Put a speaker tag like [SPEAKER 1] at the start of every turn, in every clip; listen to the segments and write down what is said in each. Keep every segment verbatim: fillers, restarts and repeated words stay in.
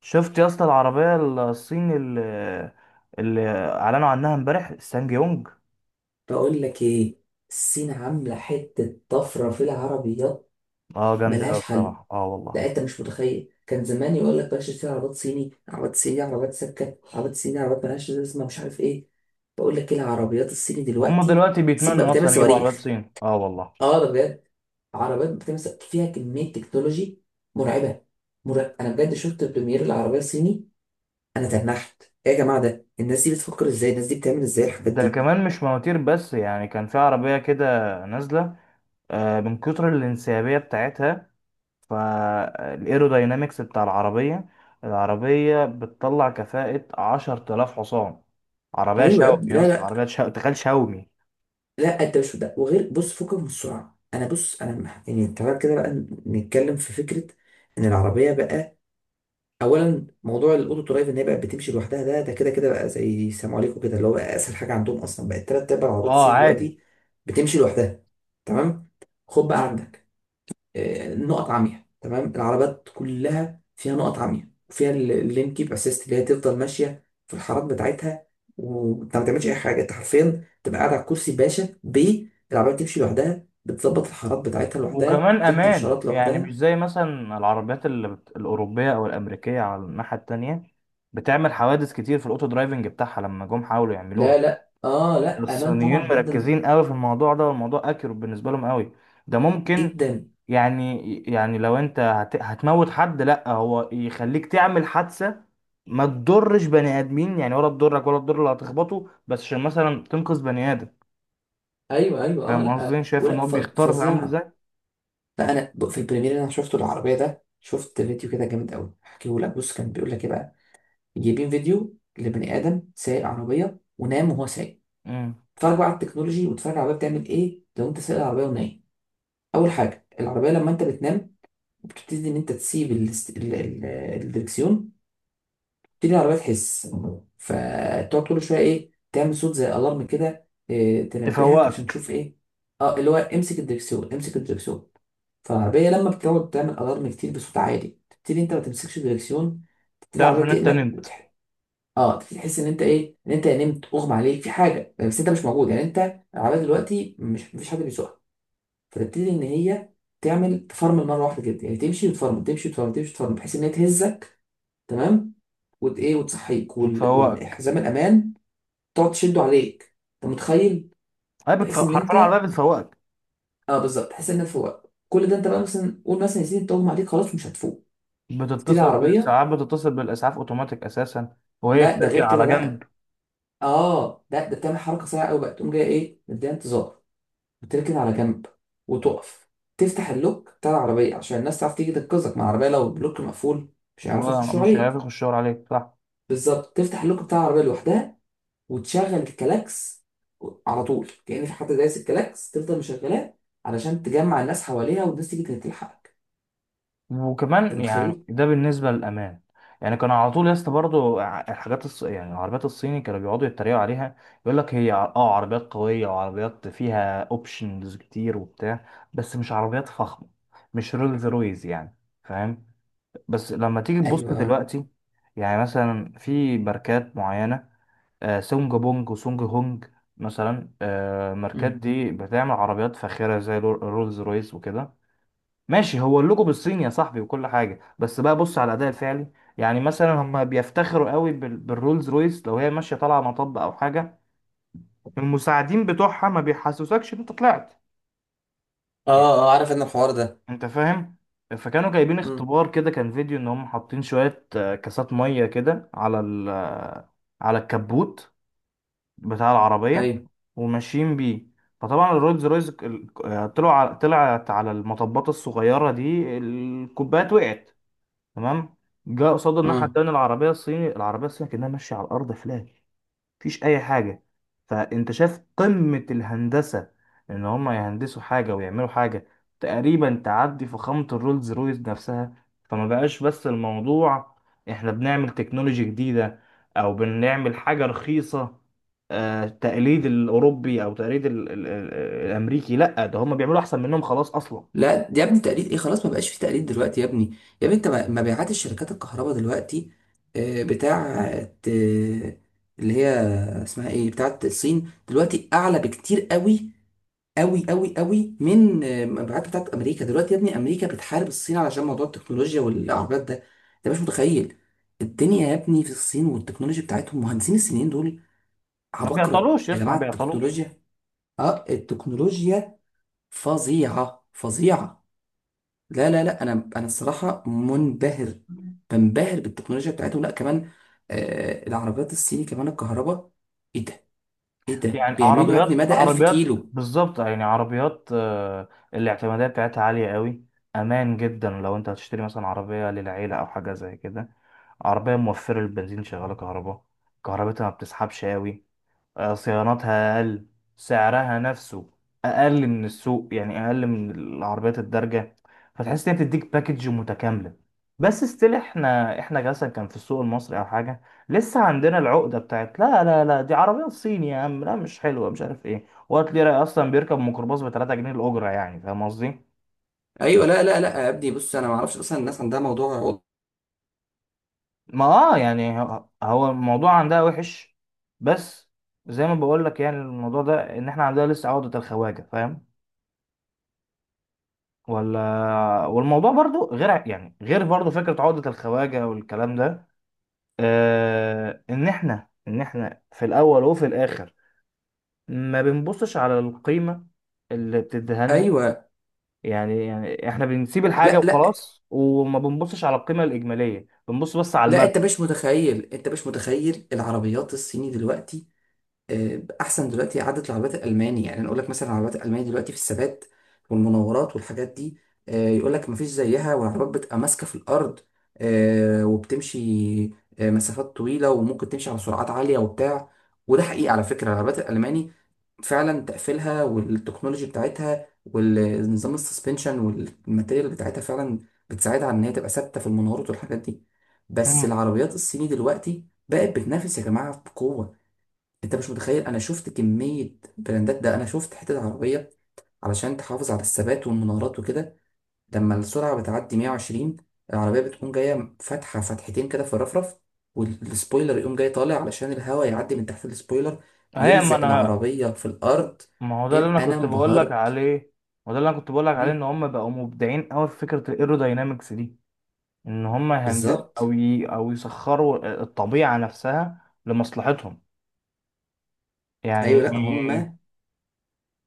[SPEAKER 1] شفت يا اسطى العربية الصيني اللي, اللي اعلنوا عنها امبارح سانج يونج.
[SPEAKER 2] بقول لك ايه. الصين عامله حته طفره في العربيات
[SPEAKER 1] اه جامدة اوي
[SPEAKER 2] ملهاش حل.
[SPEAKER 1] بصراحة، اه والله.
[SPEAKER 2] لا، انت مش متخيل، كان زمان يقول لك بلاش تشتري عربيات صيني، عربيات صيني، عربيات سكه، عربيات صيني، عربيات ملهاش لازمه، مش عارف ايه. بقول لك ايه العربيات الصيني
[SPEAKER 1] هم
[SPEAKER 2] دلوقتي.
[SPEAKER 1] دلوقتي
[SPEAKER 2] الصين بقى
[SPEAKER 1] بيتمنوا
[SPEAKER 2] بتعمل
[SPEAKER 1] اصلا يجيبوا عربيات
[SPEAKER 2] صواريخ،
[SPEAKER 1] صين، اه والله.
[SPEAKER 2] اه ده بجد. عربيات بتعمل ص- فيها كميه تكنولوجي مرعبه. مرعب. انا بجد شفت بريمير العربيه الصيني. انا تنحت ايه يا جماعه؟ ده الناس دي بتفكر ازاي؟ الناس دي بتعمل ازاي الحاجات
[SPEAKER 1] ده
[SPEAKER 2] دي؟
[SPEAKER 1] كمان مش مواتير بس، يعني كان في عربية كده نازلة، آه من كتر الانسيابية بتاعتها، فالايروداينامكس بتاع العربية، العربية بتطلع كفاءة عشرة آلاف حصان. عربية
[SPEAKER 2] ايوه يا
[SPEAKER 1] شاومي
[SPEAKER 2] ابني.
[SPEAKER 1] يا
[SPEAKER 2] لا
[SPEAKER 1] اسطى،
[SPEAKER 2] لا،
[SPEAKER 1] عربية شاومي، تخيل شاومي.
[SPEAKER 2] لا انت مش ده. وغير بص، فكك من السرعه. انا بص، انا مح- يعني تعالى كده بقى نتكلم في فكره. ان العربيه بقى، اولا موضوع الاوتو درايف ان هي بقى بتمشي لوحدها. ده ده كده كده بقى زي سلام عليكم كده، اللي هو بقى اسهل حاجه عندهم، اصلا بقت تلات ارباع عربيات
[SPEAKER 1] اه
[SPEAKER 2] الصين
[SPEAKER 1] عادي.
[SPEAKER 2] دلوقتي بتمشي لوحدها. تمام. خد بقى عندك، آه، نقط عمياء. تمام، العربيات كلها فيها نقط عمياء، وفيها ال- اللين كيب اسيست اللي هي تفضل ماشيه في الحارات بتاعتها، وانت ما تعملش اي حاجه. انت حرفيا تبقى قاعد على الكرسي باشا. ب العربيه بتمشي لوحدها، بتظبط الحارات بتاعتها لوحدها،
[SPEAKER 1] وكمان
[SPEAKER 2] بتدي
[SPEAKER 1] امان،
[SPEAKER 2] اشارات
[SPEAKER 1] يعني مش
[SPEAKER 2] لوحدها.
[SPEAKER 1] زي مثلا العربيات اللي بت... الاوروبيه او الامريكيه على الناحيه التانية، بتعمل حوادث كتير في الاوتو درايفنج بتاعها لما جم حاولوا يعملوها.
[SPEAKER 2] لا لا، اه لا، امان
[SPEAKER 1] الصينيين
[SPEAKER 2] طبعا جدا
[SPEAKER 1] مركزين قوي في الموضوع ده، والموضوع اكيرو بالنسبه لهم قوي. ده ممكن
[SPEAKER 2] جدا.
[SPEAKER 1] يعني، يعني لو انت هت... هتموت حد، لا، هو يخليك تعمل حادثه ما تضرش بني ادمين، يعني ولا تضرك ولا تضر اللي هتخبطه، بس عشان مثلا تنقذ بني ادم.
[SPEAKER 2] ايوه ايوه، اه
[SPEAKER 1] فاهم قصدي؟
[SPEAKER 2] لا،
[SPEAKER 1] شايف ان
[SPEAKER 2] ولا
[SPEAKER 1] هو
[SPEAKER 2] ف-
[SPEAKER 1] بيختار عامل
[SPEAKER 2] فظيعه.
[SPEAKER 1] ازاي.
[SPEAKER 2] فانا ب- في البريمير اللي انا شفته العربيه ده، شفت فيديو كده جامد قوي هحكيه لك. بص، كان بيقول لك ايه بقى، جايبين فيديو لبني ادم سايق عربيه ونام وهو سايق.
[SPEAKER 1] مم.
[SPEAKER 2] اتفرج بقى على التكنولوجي واتفرج على العربيه بتعمل ايه لو انت سايق العربيه ونايم. اول حاجه، العربيه لما انت بتنام، بتبتدي ان انت تسيب ال- ال- ال- الدركسيون. تبتدي العربيه تحس، فتقعد كل شويه ايه، تعمل صوت زي الارم كده، إيه، تنبهك عشان
[SPEAKER 1] تفوقك.
[SPEAKER 2] تشوف ايه. اه، اللي هو امسك الدركسيون، امسك الدركسيون. فالعربيه لما بتقعد تعمل الارم كتير بصوت عالي، تبتدي انت ما تمسكش الدركسيون. تبتدي
[SPEAKER 1] تعرف
[SPEAKER 2] العربيه
[SPEAKER 1] ان انت
[SPEAKER 2] تقلق
[SPEAKER 1] نمت.
[SPEAKER 2] وتح- اه، انت تحس ان انت ايه، ان انت نمت، اغمى عليك في حاجه، بس انت مش موجود يعني. انت العربيه دلوقتي مش مفيش حد بيسوقها. فتبتدي ان هي تعمل تفرمل مره واحده كده يعني، تمشي وتفرمل، تمشي وتفرمل، تمشي وتفرمل، بحيث ان هي تهزك. تمام. وت ايه، وتصحيك، وال...
[SPEAKER 1] وتفوقك.
[SPEAKER 2] والحزام الامان تقعد تشده عليك. انت متخيل؟
[SPEAKER 1] هي بتف...
[SPEAKER 2] بحيث ان
[SPEAKER 1] حرفيا
[SPEAKER 2] انت،
[SPEAKER 1] العربيه بتفوقك.
[SPEAKER 2] اه بالظبط، تحس ان انت فوق كل ده. انت بقى مثلا قول مثلا يا سيدي تغمى عليك خلاص مش هتفوق، تبتدي
[SPEAKER 1] بتتصل
[SPEAKER 2] العربيه.
[SPEAKER 1] بالاسعاف، بتتصل بالاسعاف اوتوماتيك اساسا، وهي
[SPEAKER 2] لا ده
[SPEAKER 1] بتركن
[SPEAKER 2] غير
[SPEAKER 1] على
[SPEAKER 2] كده
[SPEAKER 1] جنب.
[SPEAKER 2] بقى، اه لا، ده بتعمل حركه سريعه قوي بقى. تقوم جايه ايه، مديها انتظار، بتركن على جنب وتقف. تفتح اللوك بتاع العربية عشان الناس تعرف تيجي تنقذك مع العربية، لو اللوك مقفول مش هيعرفوا يخشوا
[SPEAKER 1] ومش
[SPEAKER 2] عليك.
[SPEAKER 1] هياخد الشاور عليك، صح؟
[SPEAKER 2] بالظبط، تفتح اللوك بتاع العربية لوحدها، وتشغل الكلاكس على طول كأن في حد دايس الكلاكس، تفضل مشغلاه علشان تجمع الناس حواليها والناس تيجي تلحقك. انت
[SPEAKER 1] وكمان يعني
[SPEAKER 2] متخيل؟
[SPEAKER 1] ده بالنسبه للامان. يعني كان على طول يا اسطى برضه الحاجات الص... يعني العربيات الصيني كانوا بيقعدوا يتريقوا عليها. يقول لك هي ع- اه عربيات قويه، وعربيات فيها اوبشنز كتير وبتاع، بس مش عربيات فخمه، مش رولز رويز يعني، فاهم؟ بس لما تيجي تبص
[SPEAKER 2] ايوه.
[SPEAKER 1] دلوقتي، يعني مثلا في ماركات معينة، آه سونج بونج وسونج هونج، مثلا آه الماركات
[SPEAKER 2] مم.
[SPEAKER 1] دي بتعمل عربيات فاخرة زي رو- رولز رويس وكده. ماشي، هو اللوجو بالصيني يا صاحبي وكل حاجة، بس بقى بص على الأداء الفعلي. يعني مثلا هم بيفتخروا قوي بال- بالرولز رويس. لو هي ماشية طالعة مطب أو حاجة، المساعدين بتوعها ما بيحسسكش إن أنت طلعت.
[SPEAKER 2] اه. اه، عارف ان الحوار ده.
[SPEAKER 1] انت فاهم؟ فكانوا جايبين
[SPEAKER 2] مم.
[SPEAKER 1] اختبار كده، كان فيديو ان هم حاطين شوية آه، كاسات مية كده على ال آه، على الكبوت بتاع العربية،
[SPEAKER 2] ايوه.
[SPEAKER 1] وماشيين بيه. فطبعا الرولز رويز ال- آه، طلعوا على- طلعت على المطبات الصغيرة دي، الكوبايات وقعت. تمام. جاء قصاد الناحية
[SPEAKER 2] اه
[SPEAKER 1] التانية العربية الصيني، العربية الصيني كأنها ماشية على الأرض فلاج، مفيش اي حاجه. فانت شايف قمه الهندسه، ان هم يهندسوا حاجه ويعملوا حاجه تقريبا تعدي فخامه الرولز رويس نفسها. فما بقاش بس الموضوع احنا بنعمل تكنولوجي جديده او بنعمل حاجه رخيصه، آه، تقليد الاوروبي او تقليد ال ال ال الامريكي. لا، ده هم بيعملوا احسن منهم خلاص اصلا.
[SPEAKER 2] لا يا ابني، تقليد ايه، خلاص ما بقاش في تقليد دلوقتي يا ابني. يا ابني، انت م- مبيعات الشركات الكهرباء دلوقتي، آه، بتاعت، آه، اللي هي اسمها ايه، بتاعت الصين دلوقتي، اعلى بكتير قوي قوي قوي قوي من آه، مبيعات بتاعت امريكا دلوقتي يا ابني. امريكا بتحارب الصين علشان موضوع التكنولوجيا والعربيات ده. انت مش متخيل الدنيا يا ابني في الصين والتكنولوجيا بتاعتهم. مهندسين الصينيين دول
[SPEAKER 1] ما
[SPEAKER 2] عباقرة
[SPEAKER 1] بيعطلوش يا
[SPEAKER 2] يا
[SPEAKER 1] اسطى، ما
[SPEAKER 2] جماعة.
[SPEAKER 1] بيعطلوش.
[SPEAKER 2] التكنولوجيا، اه التكنولوجيا، فظيعة فظيعة. لا لا لا، انا انا الصراحه منبهر. بنبهر بالتكنولوجيا بتاعتهم. لا، كمان آه العربيات الصيني كمان الكهرباء، ايه ده، ايه ده
[SPEAKER 1] يعني
[SPEAKER 2] بيعملوا يا ابني،
[SPEAKER 1] عربيات،
[SPEAKER 2] مدى ألف
[SPEAKER 1] عربيات
[SPEAKER 2] كيلو.
[SPEAKER 1] بالظبط، يعني عربيات آه، الاعتمادية بتاعتها عالية قوي. أمان جدا. لو أنت هتشتري مثلا عربية للعيلة أو حاجة زي كده، عربية موفرة البنزين، شغالة كهرباء، كهربتها ما بتسحبش قوي، آه، صيانتها أقل، سعرها نفسه أقل من السوق، يعني أقل من العربيات الدارجة. فتحس إن هي بتديك باكج متكاملة. بس ستيل إحنا إحنا مثلا، كان في السوق المصري أو حاجة، لسه عندنا العقدة بتاعت لا لا لا، دي عربية صيني يا عم، لا مش حلوة، مش عارف إيه، وقت لي رأي أصلا بيركب ميكروباص ب تلات جنيه الأجرة، يعني فاهم قصدي؟
[SPEAKER 2] ايوه. لا لا لا يا ابني بص، انا ما اعرفش اصلا الناس عندها موضوع.
[SPEAKER 1] ما آه يعني هو هو الموضوع عندها وحش. بس زي ما بقول لك، يعني الموضوع ده إن إحنا عندنا لسه عقدة الخواجة، فاهم؟ ولا. والموضوع برضو غير ع- يعني غير برضو فكرة عقدة الخواجة والكلام ده. آه، ان احنا ان احنا في الاول وفي الاخر ما بنبصش على القيمة اللي بتديها لنا.
[SPEAKER 2] ايوه.
[SPEAKER 1] يعني يعني احنا بنسيب الحاجة
[SPEAKER 2] لا لا
[SPEAKER 1] وخلاص، وما بنبصش على القيمة الإجمالية، بنبص بس على
[SPEAKER 2] لا انت
[SPEAKER 1] المركب.
[SPEAKER 2] مش متخيل، انت مش متخيل العربيات الصيني دلوقتي آه، احسن دلوقتي عدد العربيات الالماني. يعني انا اقول لك مثلا العربيات الالماني دلوقتي في الثبات والمناورات والحاجات دي، آه، يقول لك مفيش زيها. والعربيات بتبقى ماسكه في الارض، آه، وبتمشي آه، مسافات طويله وممكن تمشي على سرعات عاليه وبتاع. وده حقيقي على فكره، العربيات الالماني فعلا تقفيلها والتكنولوجي بتاعتها والنظام السسبنشن والماتيريال بتاعتها فعلا بتساعدها على ان هي تبقى ثابته في المناورات والحاجات دي. بس
[SPEAKER 1] مم.
[SPEAKER 2] العربيات الصيني دلوقتي بقت بتنافس يا جماعه بقوه. انت مش متخيل، انا شفت كمية براندات. ده انا شفت حتة عربية، علشان تحافظ على الثبات والمنارات وكده، لما السرعة بتعدي مائة وعشرين، العربية بتقوم جاية فاتحة فتحتين كده في الرفرف، والسبويلر يقوم جاي طالع علشان الهواء يعدي من تحت السبويلر
[SPEAKER 1] هي ما
[SPEAKER 2] يلزق
[SPEAKER 1] انا.
[SPEAKER 2] العربية في الأرض.
[SPEAKER 1] ما هو ده
[SPEAKER 2] إن-
[SPEAKER 1] اللي انا
[SPEAKER 2] أنا
[SPEAKER 1] كنت بقول لك
[SPEAKER 2] انبهرت.
[SPEAKER 1] عليه. ما ده اللي انا كنت بقول لك عليه، ان
[SPEAKER 2] مم.
[SPEAKER 1] هم بقوا مبدعين قوي في فكرة الايروداينامكس دي. ان هم يهندسوا او
[SPEAKER 2] بالظبط.
[SPEAKER 1] ي... او يسخروا الطبيعه نفسها لمصلحتهم، يعني.
[SPEAKER 2] أيوة، لأ هما.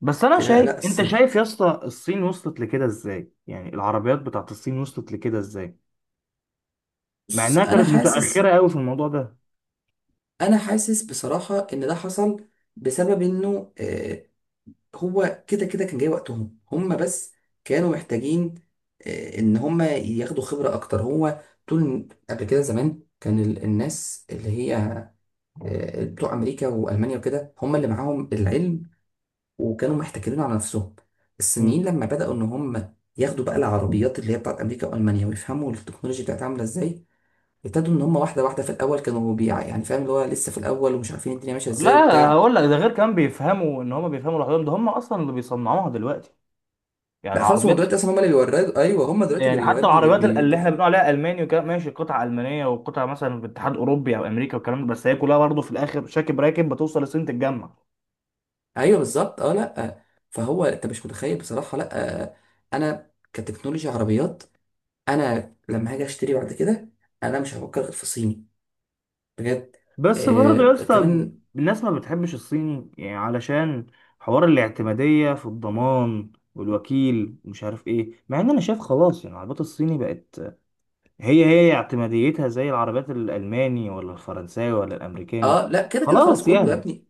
[SPEAKER 1] بس انا
[SPEAKER 2] لا
[SPEAKER 1] شايف،
[SPEAKER 2] لا،
[SPEAKER 1] انت
[SPEAKER 2] الصراحة
[SPEAKER 1] شايف يا اسطى الصين وصلت لكده ازاي؟ يعني العربيات بتاعت الصين وصلت لكده ازاي، مع
[SPEAKER 2] بص،
[SPEAKER 1] انها
[SPEAKER 2] أنا
[SPEAKER 1] كانت متاخره
[SPEAKER 2] حاسس،
[SPEAKER 1] قوي في الموضوع ده؟
[SPEAKER 2] أنا حاسس بصراحة إن ده حصل بسبب إنه آه، هو كده كده كان جاي وقتهم هم، بس كانوا محتاجين آه، ان هم ياخدوا خبرة اكتر. هو طول قبل كده زمان كان ال- الناس اللي هي آه، بتوع امريكا والمانيا وكده هم اللي معاهم العلم، وكانوا محتكرين على نفسهم.
[SPEAKER 1] مم.
[SPEAKER 2] الصينيين لما بدأوا ان هم ياخدوا بقى العربيات اللي هي بتاعت امريكا والمانيا ويفهموا التكنولوجيا بتاعتها عامله ازاي، ابتدوا ان هم واحده واحده. في الاول كانوا بيع يعني، فاهم، اللي هو لسه في الاول ومش عارفين الدنيا ماشيه ازاي
[SPEAKER 1] لا
[SPEAKER 2] وبتاع.
[SPEAKER 1] هقول لك، ده غير كمان بيفهموا، ان هم بيفهموا لوحدهم، ده هم اصلا اللي بيصنعوها دلوقتي، يعني
[SPEAKER 2] لا، خلاص هم
[SPEAKER 1] العربيات.
[SPEAKER 2] دلوقتي اصلا هم اللي بيوردوا. ايوه، هم دلوقتي اللي
[SPEAKER 1] يعني حتى
[SPEAKER 2] بيوردني بي-
[SPEAKER 1] العربيات اللي
[SPEAKER 2] بيدوا.
[SPEAKER 1] احنا بنقول عليها الماني وكده، ماشي قطع المانيه وقطع مثلا في اتحاد اوروبي او امريكا والكلام ده، بس هي كلها برضه في الاخر شاكب راكب بتوصل الصين تتجمع.
[SPEAKER 2] ايوه بالظبط. اه لا، فهو انت مش متخيل بصراحه. لا، انا كتكنولوجيا عربيات، انا لما هاجي اشتري بعد كده، انا مش هفكر غير في الصيني. بجد.
[SPEAKER 1] بس برضه يا
[SPEAKER 2] آه
[SPEAKER 1] اسطى
[SPEAKER 2] كمان.
[SPEAKER 1] الناس ما بتحبش الصيني يعني، علشان حوار الاعتمادية في الضمان والوكيل ومش عارف ايه، مع ان انا شايف خلاص يعني العربيات الصيني بقت، هي هي اعتماديتها زي العربيات الالماني ولا الفرنساوي ولا الامريكاني.
[SPEAKER 2] اه لا، كده كده خلاص
[SPEAKER 1] خلاص
[SPEAKER 2] كله يا
[SPEAKER 1] يعني.
[SPEAKER 2] ابني.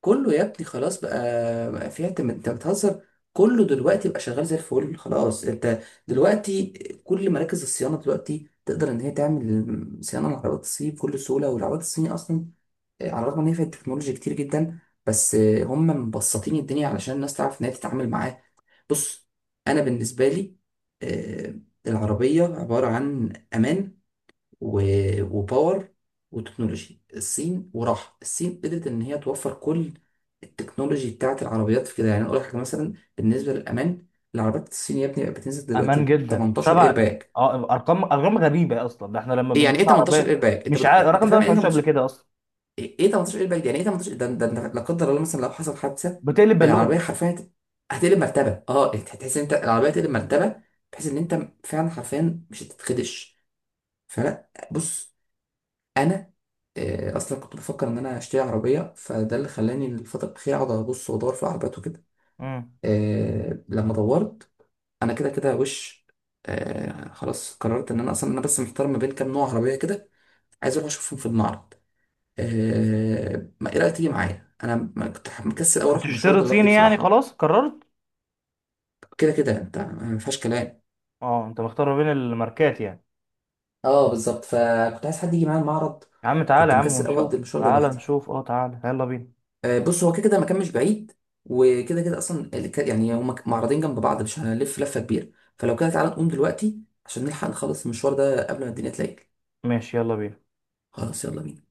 [SPEAKER 2] كله يا ابني، خلاص بقى. بقى في، انت انت بتهزر. كله دلوقتي بقى شغال زي الفل خلاص. انت دلوقتي كل مراكز الصيانه دلوقتي تقدر ان هي تعمل صيانه للعربيات الصيني بكل سهوله. والعربيات الصيني اصلا، آه، على الرغم ان هي فيها تكنولوجيا كتير جدا، بس آه، هم مبسطين الدنيا علشان الناس تعرف ان هي تتعامل معاه. بص، انا بالنسبه لي، آه، العربيه عباره عن امان و- وباور وتكنولوجي. الصين وراحه الصين قدرت ان هي توفر كل التكنولوجي بتاعت العربيات في كده يعني. أنا اقول لك حاجه مثلا بالنسبه للامان، العربيات الصينيه يا ابني بقت بتنزل
[SPEAKER 1] امان
[SPEAKER 2] دلوقتي
[SPEAKER 1] جدا،
[SPEAKER 2] تمنتاشر
[SPEAKER 1] سبع.
[SPEAKER 2] ايرباك.
[SPEAKER 1] اه ارقام، ارقام غريبه اصلا، ده احنا لما
[SPEAKER 2] يعني ايه
[SPEAKER 1] بنجيب
[SPEAKER 2] ثمانية عشر
[SPEAKER 1] عربيه
[SPEAKER 2] ايرباك؟ انت
[SPEAKER 1] مش
[SPEAKER 2] بت...
[SPEAKER 1] عارف
[SPEAKER 2] انت
[SPEAKER 1] الرقم ده، ما
[SPEAKER 2] فاهم يعني ايه؟
[SPEAKER 1] سمعتوش قبل كده اصلا.
[SPEAKER 2] ايه، إيه تمنتاشر ايرباك يعني ايه؟ تمنتاشر ده ده ده، لا قدر الله مثلا لو حصل حادثه،
[SPEAKER 1] بتقلب بالونه.
[SPEAKER 2] العربيه حرفيا هت- هتقلب مرتبه. اه، هت- هتحس ان انت العربيه هتقلب مرتبه، بحيث ان انت فعلا حرفيا مش هتتخدش. فلا بص، انا آه، اصلا كنت بفكر ان انا اشتري عربيه، فده اللي خلاني الفتره الاخيره اقعد ابص وادور في عربيات وكده.
[SPEAKER 1] امم
[SPEAKER 2] آه، لما دورت، انا كده كده وش، آه، خلاص قررت ان انا اصلا، انا بس محتار ما بين كام نوع عربيه كده، عايز اروح اشوفهم في المعرض. آه، ما ايه رايك تيجي معايا؟ انا ما كنت مكسل أوي اروح المشوار
[SPEAKER 1] هتشتري
[SPEAKER 2] ده لوحدي
[SPEAKER 1] صيني يعني،
[SPEAKER 2] بصراحه.
[SPEAKER 1] خلاص قررت؟
[SPEAKER 2] كده كده انت ما فيهاش كلام.
[SPEAKER 1] اه انت مختار ما بين الماركات يعني.
[SPEAKER 2] اه بالظبط، فكنت عايز حد يجي معايا المعرض.
[SPEAKER 1] يا عم تعالى
[SPEAKER 2] كنت
[SPEAKER 1] يا عم
[SPEAKER 2] مكسل أوي اقضي
[SPEAKER 1] ونشوف،
[SPEAKER 2] المشوار ده
[SPEAKER 1] تعالى
[SPEAKER 2] لوحدي.
[SPEAKER 1] نشوف، اه تعالى يلا بينا.
[SPEAKER 2] آه، بص، هو كده كده المكان مش بعيد، وكده كده اصلا الك- يعني هما ك- معرضين جنب بعض مش هنلف لفه كبيره. فلو كده تعالى نقوم دلوقتي عشان نلحق نخلص المشوار ده قبل ما الدنيا تليل.
[SPEAKER 1] ماشي يلا بينا.
[SPEAKER 2] خلاص يلا بينا.